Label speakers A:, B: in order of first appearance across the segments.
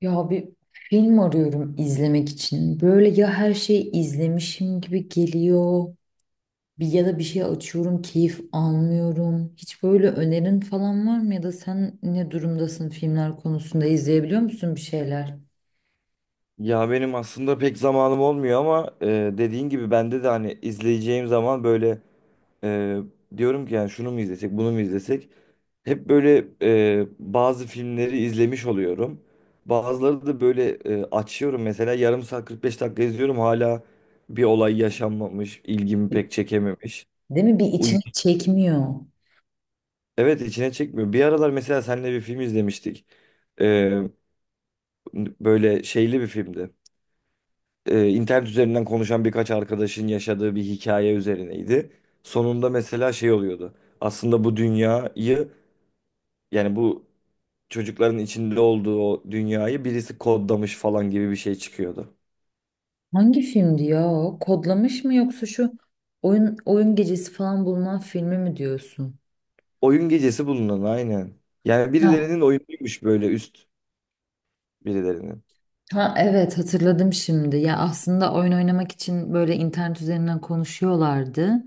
A: Ya bir film arıyorum izlemek için. Böyle ya her şeyi izlemişim gibi geliyor. Bir ya da bir şey açıyorum, keyif almıyorum. Hiç böyle önerin falan var mı, ya da sen ne durumdasın filmler konusunda, izleyebiliyor musun bir şeyler?
B: Ya benim aslında pek zamanım olmuyor ama dediğin gibi bende de hani izleyeceğim zaman böyle e, diyorum ki yani şunu mu izlesek bunu mu izlesek hep böyle bazı filmleri izlemiş oluyorum. Bazıları da böyle açıyorum mesela yarım saat 45 dakika izliyorum hala bir olay yaşanmamış ilgimi pek çekememiş.
A: Değil mi? Bir,
B: Uy-
A: içini çekmiyor.
B: evet içine çekmiyor. Bir aralar mesela seninle bir film izlemiştik. E, Böyle şeyli bir filmdi. İnternet üzerinden konuşan birkaç arkadaşın yaşadığı bir hikaye üzerineydi. Sonunda mesela şey oluyordu. Aslında bu dünyayı yani bu çocukların içinde olduğu o dünyayı birisi kodlamış falan gibi bir şey çıkıyordu.
A: Hangi filmdi ya? Kodlamış mı, yoksa şu oyun gecesi falan bulunan filmi mi diyorsun?
B: Oyun gecesi bulunan aynen. Yani
A: Ha,
B: birilerinin oyunuymuş böyle üst birilerinin.
A: Ha evet hatırladım şimdi. Ya aslında oyun oynamak için böyle internet üzerinden konuşuyorlardı.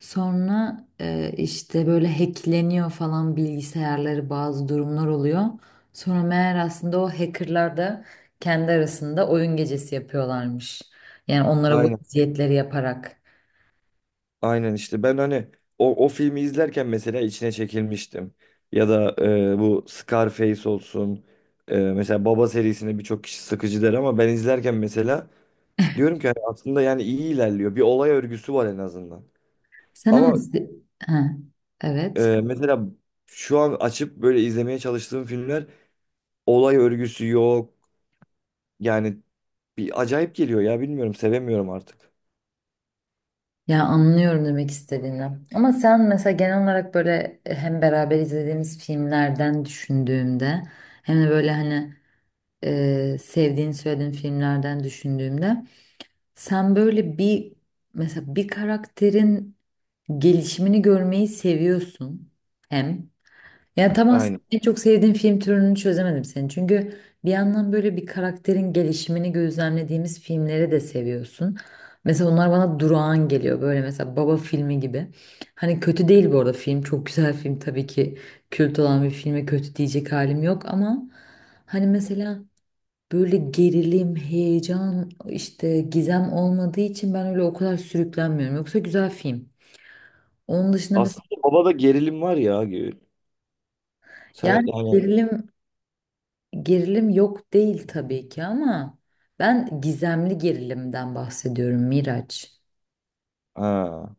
A: Sonra işte böyle hackleniyor falan bilgisayarları, bazı durumlar oluyor. Sonra meğer aslında o hackerlar da kendi arasında oyun gecesi yapıyorlarmış. Yani onlara bu
B: Aynen.
A: eziyetleri yaparak.
B: Aynen işte ben hani o filmi izlerken mesela içine çekilmiştim. Ya da bu Scarface olsun. Mesela Baba serisini birçok kişi sıkıcı der ama ben izlerken mesela diyorum ki hani aslında yani iyi ilerliyor. Bir olay örgüsü var en azından.
A: Sen ama...
B: Ama
A: Ha, evet.
B: mesela şu an açıp böyle izlemeye çalıştığım filmler olay örgüsü yok. Yani bir acayip geliyor ya bilmiyorum sevemiyorum artık.
A: Ya, anlıyorum demek istediğini. Ama sen mesela genel olarak böyle hem beraber izlediğimiz filmlerden düşündüğümde, hem de böyle hani sevdiğini söylediğin filmlerden düşündüğümde, sen böyle bir, mesela bir karakterin gelişimini görmeyi seviyorsun hem. Yani tam aslında
B: Aynen.
A: en çok sevdiğim film türünü çözemedim senin. Çünkü bir yandan böyle bir karakterin gelişimini gözlemlediğimiz filmleri de seviyorsun. Mesela onlar bana durağan geliyor. Böyle mesela Baba filmi gibi. Hani kötü değil bu arada film. Çok güzel film tabii ki. Kült olan bir filme kötü diyecek halim yok ama hani mesela böyle gerilim, heyecan, işte gizem olmadığı için ben öyle o kadar sürüklenmiyorum. Yoksa güzel film. Onun dışında mesela,
B: Aslında babada gerilim var ya Gül. Sen
A: yani
B: yani
A: gerilim. Yok değil tabii ki ama ben gizemli gerilimden bahsediyorum Miraç.
B: ha.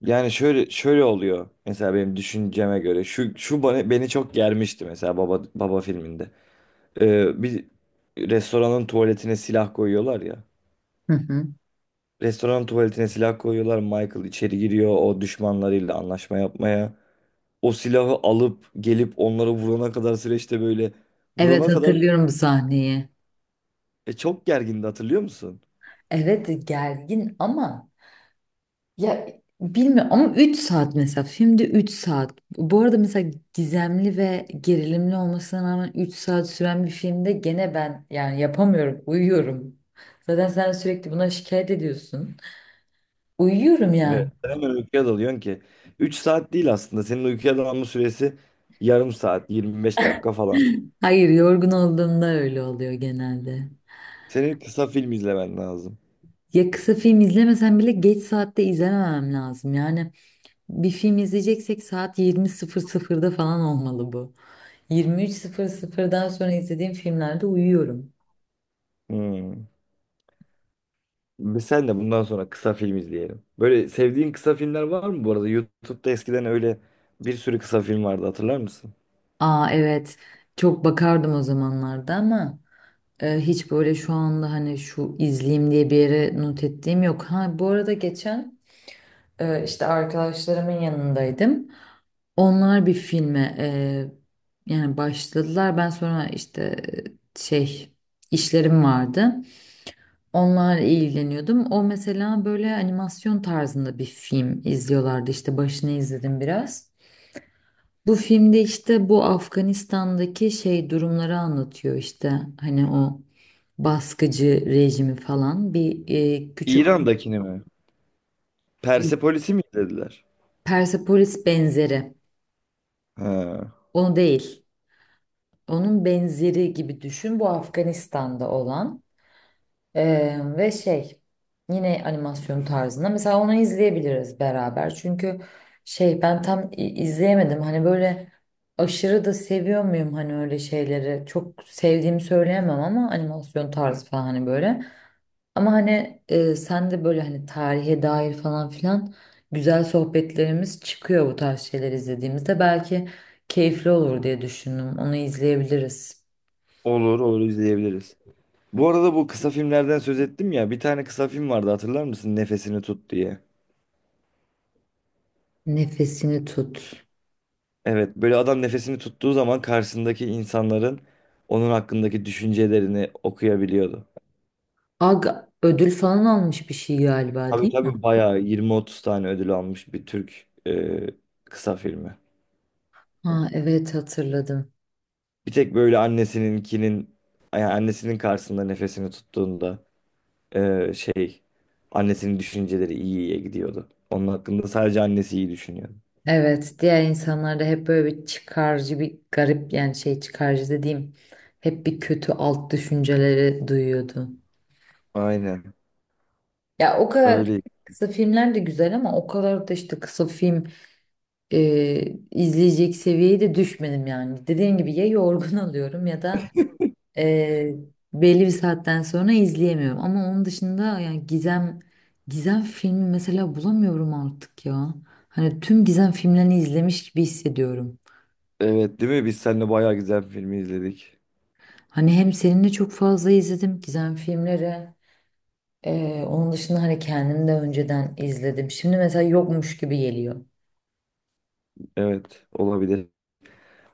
B: Yani şöyle şöyle oluyor mesela benim düşünceme göre şu şu bana, beni çok germişti mesela baba baba filminde. Bir restoranın tuvaletine silah koyuyorlar ya.
A: Hı hı.
B: Restoranın tuvaletine silah koyuyorlar. Michael içeri giriyor o düşmanlarıyla anlaşma yapmaya. O silahı alıp gelip onları vurana kadar süreçte böyle
A: Evet,
B: vurana kadar
A: hatırlıyorum bu sahneyi.
B: çok gergindi hatırlıyor musun?
A: Evet, gergin ama, ya, bilmiyorum, ama 3 saat mesela, filmde 3 saat. Bu arada mesela gizemli ve gerilimli olmasına rağmen 3 saat süren bir filmde gene ben yani yapamıyorum, uyuyorum. Zaten sen sürekli buna şikayet ediyorsun. Uyuyorum yani.
B: Evet. Hemen uykuya dalıyorsun ki. 3 saat değil aslında. Senin uykuya dalma süresi yarım saat, 25 dakika falan.
A: Hayır, yorgun olduğumda öyle oluyor genelde.
B: Senin kısa film izlemen lazım.
A: Ya kısa film izlemesem bile geç saatte izlememem lazım. Yani bir film izleyeceksek saat 20.00'da falan olmalı bu. 23.00'dan sonra izlediğim filmlerde uyuyorum.
B: Hmm. Biz sen de bundan sonra kısa film izleyelim. Böyle sevdiğin kısa filmler var mı bu arada? YouTube'da eskiden öyle bir sürü kısa film vardı hatırlar mısın?
A: Aa evet, çok bakardım o zamanlarda ama hiç böyle şu anda hani şu izleyeyim diye bir yere not ettiğim yok. Ha, bu arada geçen işte arkadaşlarımın yanındaydım. Onlar bir filme yani başladılar. Ben sonra işte şey, işlerim vardı. Onlarla ilgileniyordum. O mesela böyle animasyon tarzında bir film izliyorlardı. İşte başını izledim biraz. Bu filmde işte bu Afganistan'daki şey durumları anlatıyor işte, hani o baskıcı rejimi falan, bir küçük
B: İran'dakini mi? Persepolis'i mi izlediler?
A: Persepolis benzeri.
B: Ha.
A: Onu değil. Onun benzeri gibi düşün. Bu Afganistan'da olan. Ve şey, yine animasyon tarzında, mesela onu izleyebiliriz beraber çünkü ben tam izleyemedim, hani böyle aşırı da seviyor muyum, hani öyle şeyleri çok sevdiğimi söyleyemem ama animasyon tarzı falan hani böyle, ama hani sen de böyle hani tarihe dair falan filan güzel sohbetlerimiz çıkıyor bu tarz şeyler izlediğimizde, belki keyifli olur diye düşündüm, onu izleyebiliriz.
B: Olur olur izleyebiliriz. Bu arada bu kısa filmlerden söz ettim ya bir tane kısa film vardı hatırlar mısın? Nefesini tut diye.
A: Nefesini tut.
B: Evet, böyle adam nefesini tuttuğu zaman karşısındaki insanların onun hakkındaki düşüncelerini okuyabiliyordu.
A: Ag ödül falan almış bir şey galiba,
B: Tabii
A: değil mi?
B: tabii bayağı 20-30 tane ödül almış bir Türk kısa filmi.
A: Ha evet, hatırladım.
B: Bir tek böyle annesininkinin, yani annesinin karşısında nefesini tuttuğunda e, şey annesinin düşünceleri iyi iyiye gidiyordu. Onun hakkında sadece annesi iyi düşünüyordu.
A: Evet, diğer insanlar da hep böyle bir çıkarcı, bir garip, yani şey, çıkarcı dediğim, hep bir kötü alt düşünceleri duyuyordu.
B: Aynen
A: Ya o kadar
B: öyle.
A: kısa filmler de güzel ama o kadar da işte kısa film e, izleyecek seviyeye de düşmedim yani. Dediğim gibi, ya yorgun alıyorum, ya da Ee, belli bir saatten sonra izleyemiyorum. Ama onun dışında yani gizem filmi mesela bulamıyorum artık ya. Hani tüm gizem filmlerini izlemiş gibi hissediyorum.
B: Evet değil mi? Biz seninle bayağı güzel bir filmi izledik.
A: Hani hem seninle çok fazla izledim gizem filmleri. Onun dışında hani kendim de önceden izledim. Şimdi mesela yokmuş gibi geliyor.
B: Evet olabilir.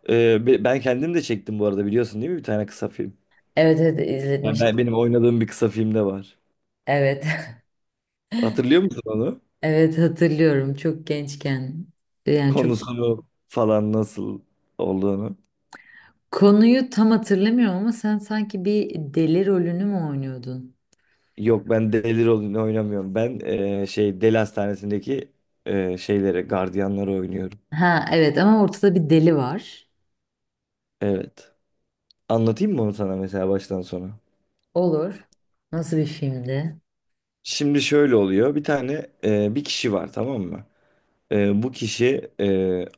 B: Ben kendim de çektim bu arada biliyorsun değil mi bir tane kısa film?
A: Evet, evet, izletmiştim.
B: Benim oynadığım bir kısa filmde var.
A: Evet.
B: Hatırlıyor musun onu?
A: Evet, hatırlıyorum, çok gençken. Yani çok,
B: Konusunu falan nasıl olduğunu.
A: konuyu tam hatırlamıyorum ama sen sanki bir deli rolünü mü oynuyordun?
B: Yok ben deli rolünü oynamıyorum. Ben deli hastanesindeki şeyleri, gardiyanları oynuyorum.
A: Ha evet, ama ortada bir deli var.
B: Evet. Anlatayım mı onu sana mesela baştan sona?
A: Olur. Nasıl bir filmdi?
B: Şimdi şöyle oluyor. Bir tane bir kişi var tamam mı? Bu kişi e,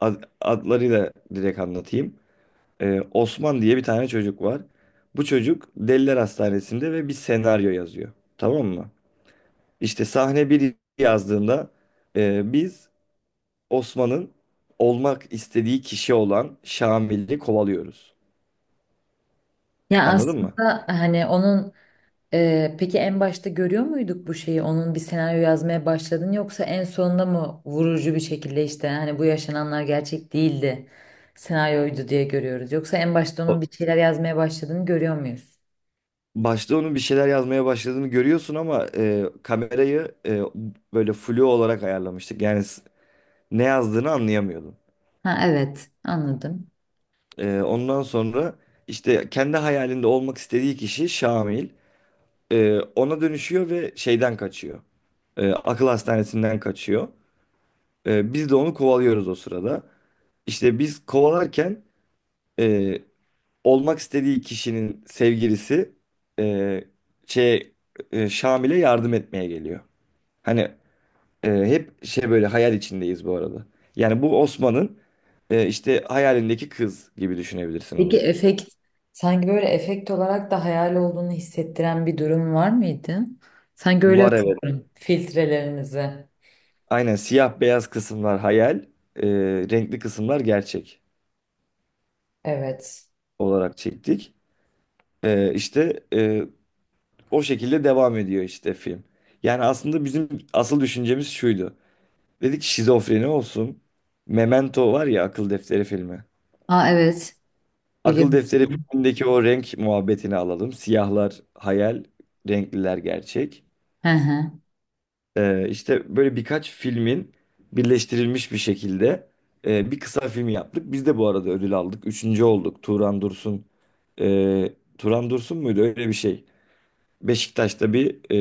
B: ad- adlarıyla direkt anlatayım. Osman diye bir tane çocuk var. Bu çocuk Deliler Hastanesi'nde ve bir senaryo yazıyor. Tamam mı? İşte sahne bir yazdığında biz Osman'ın olmak istediği kişi olan Şamil'i kovalıyoruz.
A: Ya
B: Anladın mı?
A: aslında hani onun, peki en başta görüyor muyduk bu şeyi? Onun bir senaryo yazmaya başladın, yoksa en sonunda mı vurucu bir şekilde işte, hani bu yaşananlar gerçek değildi, senaryoydu diye görüyoruz? Yoksa en başta onun
B: O-
A: bir şeyler yazmaya başladığını görüyor muyuz?
B: Başta onun bir şeyler yazmaya başladığını görüyorsun ama kamerayı böyle flu olarak ayarlamıştık. Yani ne yazdığını anlayamıyordum.
A: Ha, evet. Anladım.
B: Ondan sonra işte kendi hayalinde olmak istediği kişi Şamil. Ona dönüşüyor ve şeyden kaçıyor. Akıl hastanesinden kaçıyor. Biz de onu kovalıyoruz o sırada. İşte biz kovalarken e, olmak istediği kişinin sevgilisi e, şey Şamil'e yardım etmeye geliyor. Hani hep böyle hayal içindeyiz bu arada. Yani bu Osman'ın işte hayalindeki kız gibi düşünebilirsin
A: Peki
B: onu.
A: efekt, sanki böyle efekt olarak da hayal olduğunu hissettiren bir durum var mıydı? Sanki öyle
B: Var evet.
A: hatırlıyorum, filtrelerinizi.
B: Aynen siyah beyaz kısımlar hayal, e, renkli kısımlar gerçek
A: Evet.
B: olarak çektik. İşte o şekilde devam ediyor işte film. Yani aslında bizim asıl düşüncemiz şuydu. Dedik ki şizofreni olsun. Memento var ya akıl defteri filmi.
A: Aa evet.
B: Akıl
A: Biliyorum.
B: defteri filmindeki o renk muhabbetini alalım. Siyahlar hayal, renkliler gerçek.
A: Hı hı.
B: İşte böyle birkaç filmin birleştirilmiş bir şekilde bir kısa film yaptık. Biz de bu arada ödül aldık. Üçüncü olduk. Turan Dursun. e, Turan Dursun muydu? Öyle bir şey. Beşiktaş'ta bir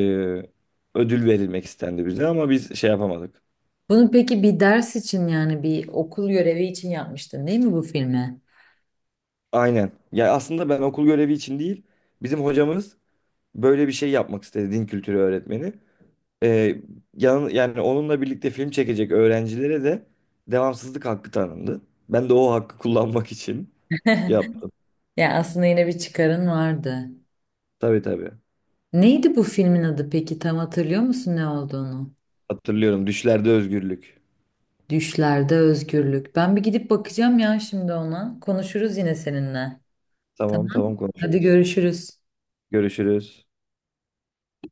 B: e, ödül verilmek istendi bize ama biz şey yapamadık.
A: Bunu peki bir ders için, yani bir okul görevi için yapmıştın değil mi bu filmi?
B: Aynen. Ya aslında ben okul görevi için değil, bizim hocamız böyle bir şey yapmak istedi din kültürü öğretmeni. E, Yani onunla birlikte film çekecek öğrencilere de devamsızlık hakkı tanındı. Ben de o hakkı kullanmak için yaptım.
A: Yani aslında yine bir çıkarın vardı.
B: Tabii tabii.
A: Neydi bu filmin adı peki? Tam hatırlıyor musun ne olduğunu?
B: Hatırlıyorum. Düşlerde özgürlük.
A: Düşlerde Özgürlük. Ben bir gidip bakacağım ya şimdi ona. Konuşuruz yine seninle. Tamam.
B: Tamam tamam
A: Hadi
B: konuşuruz.
A: görüşürüz.
B: Görüşürüz.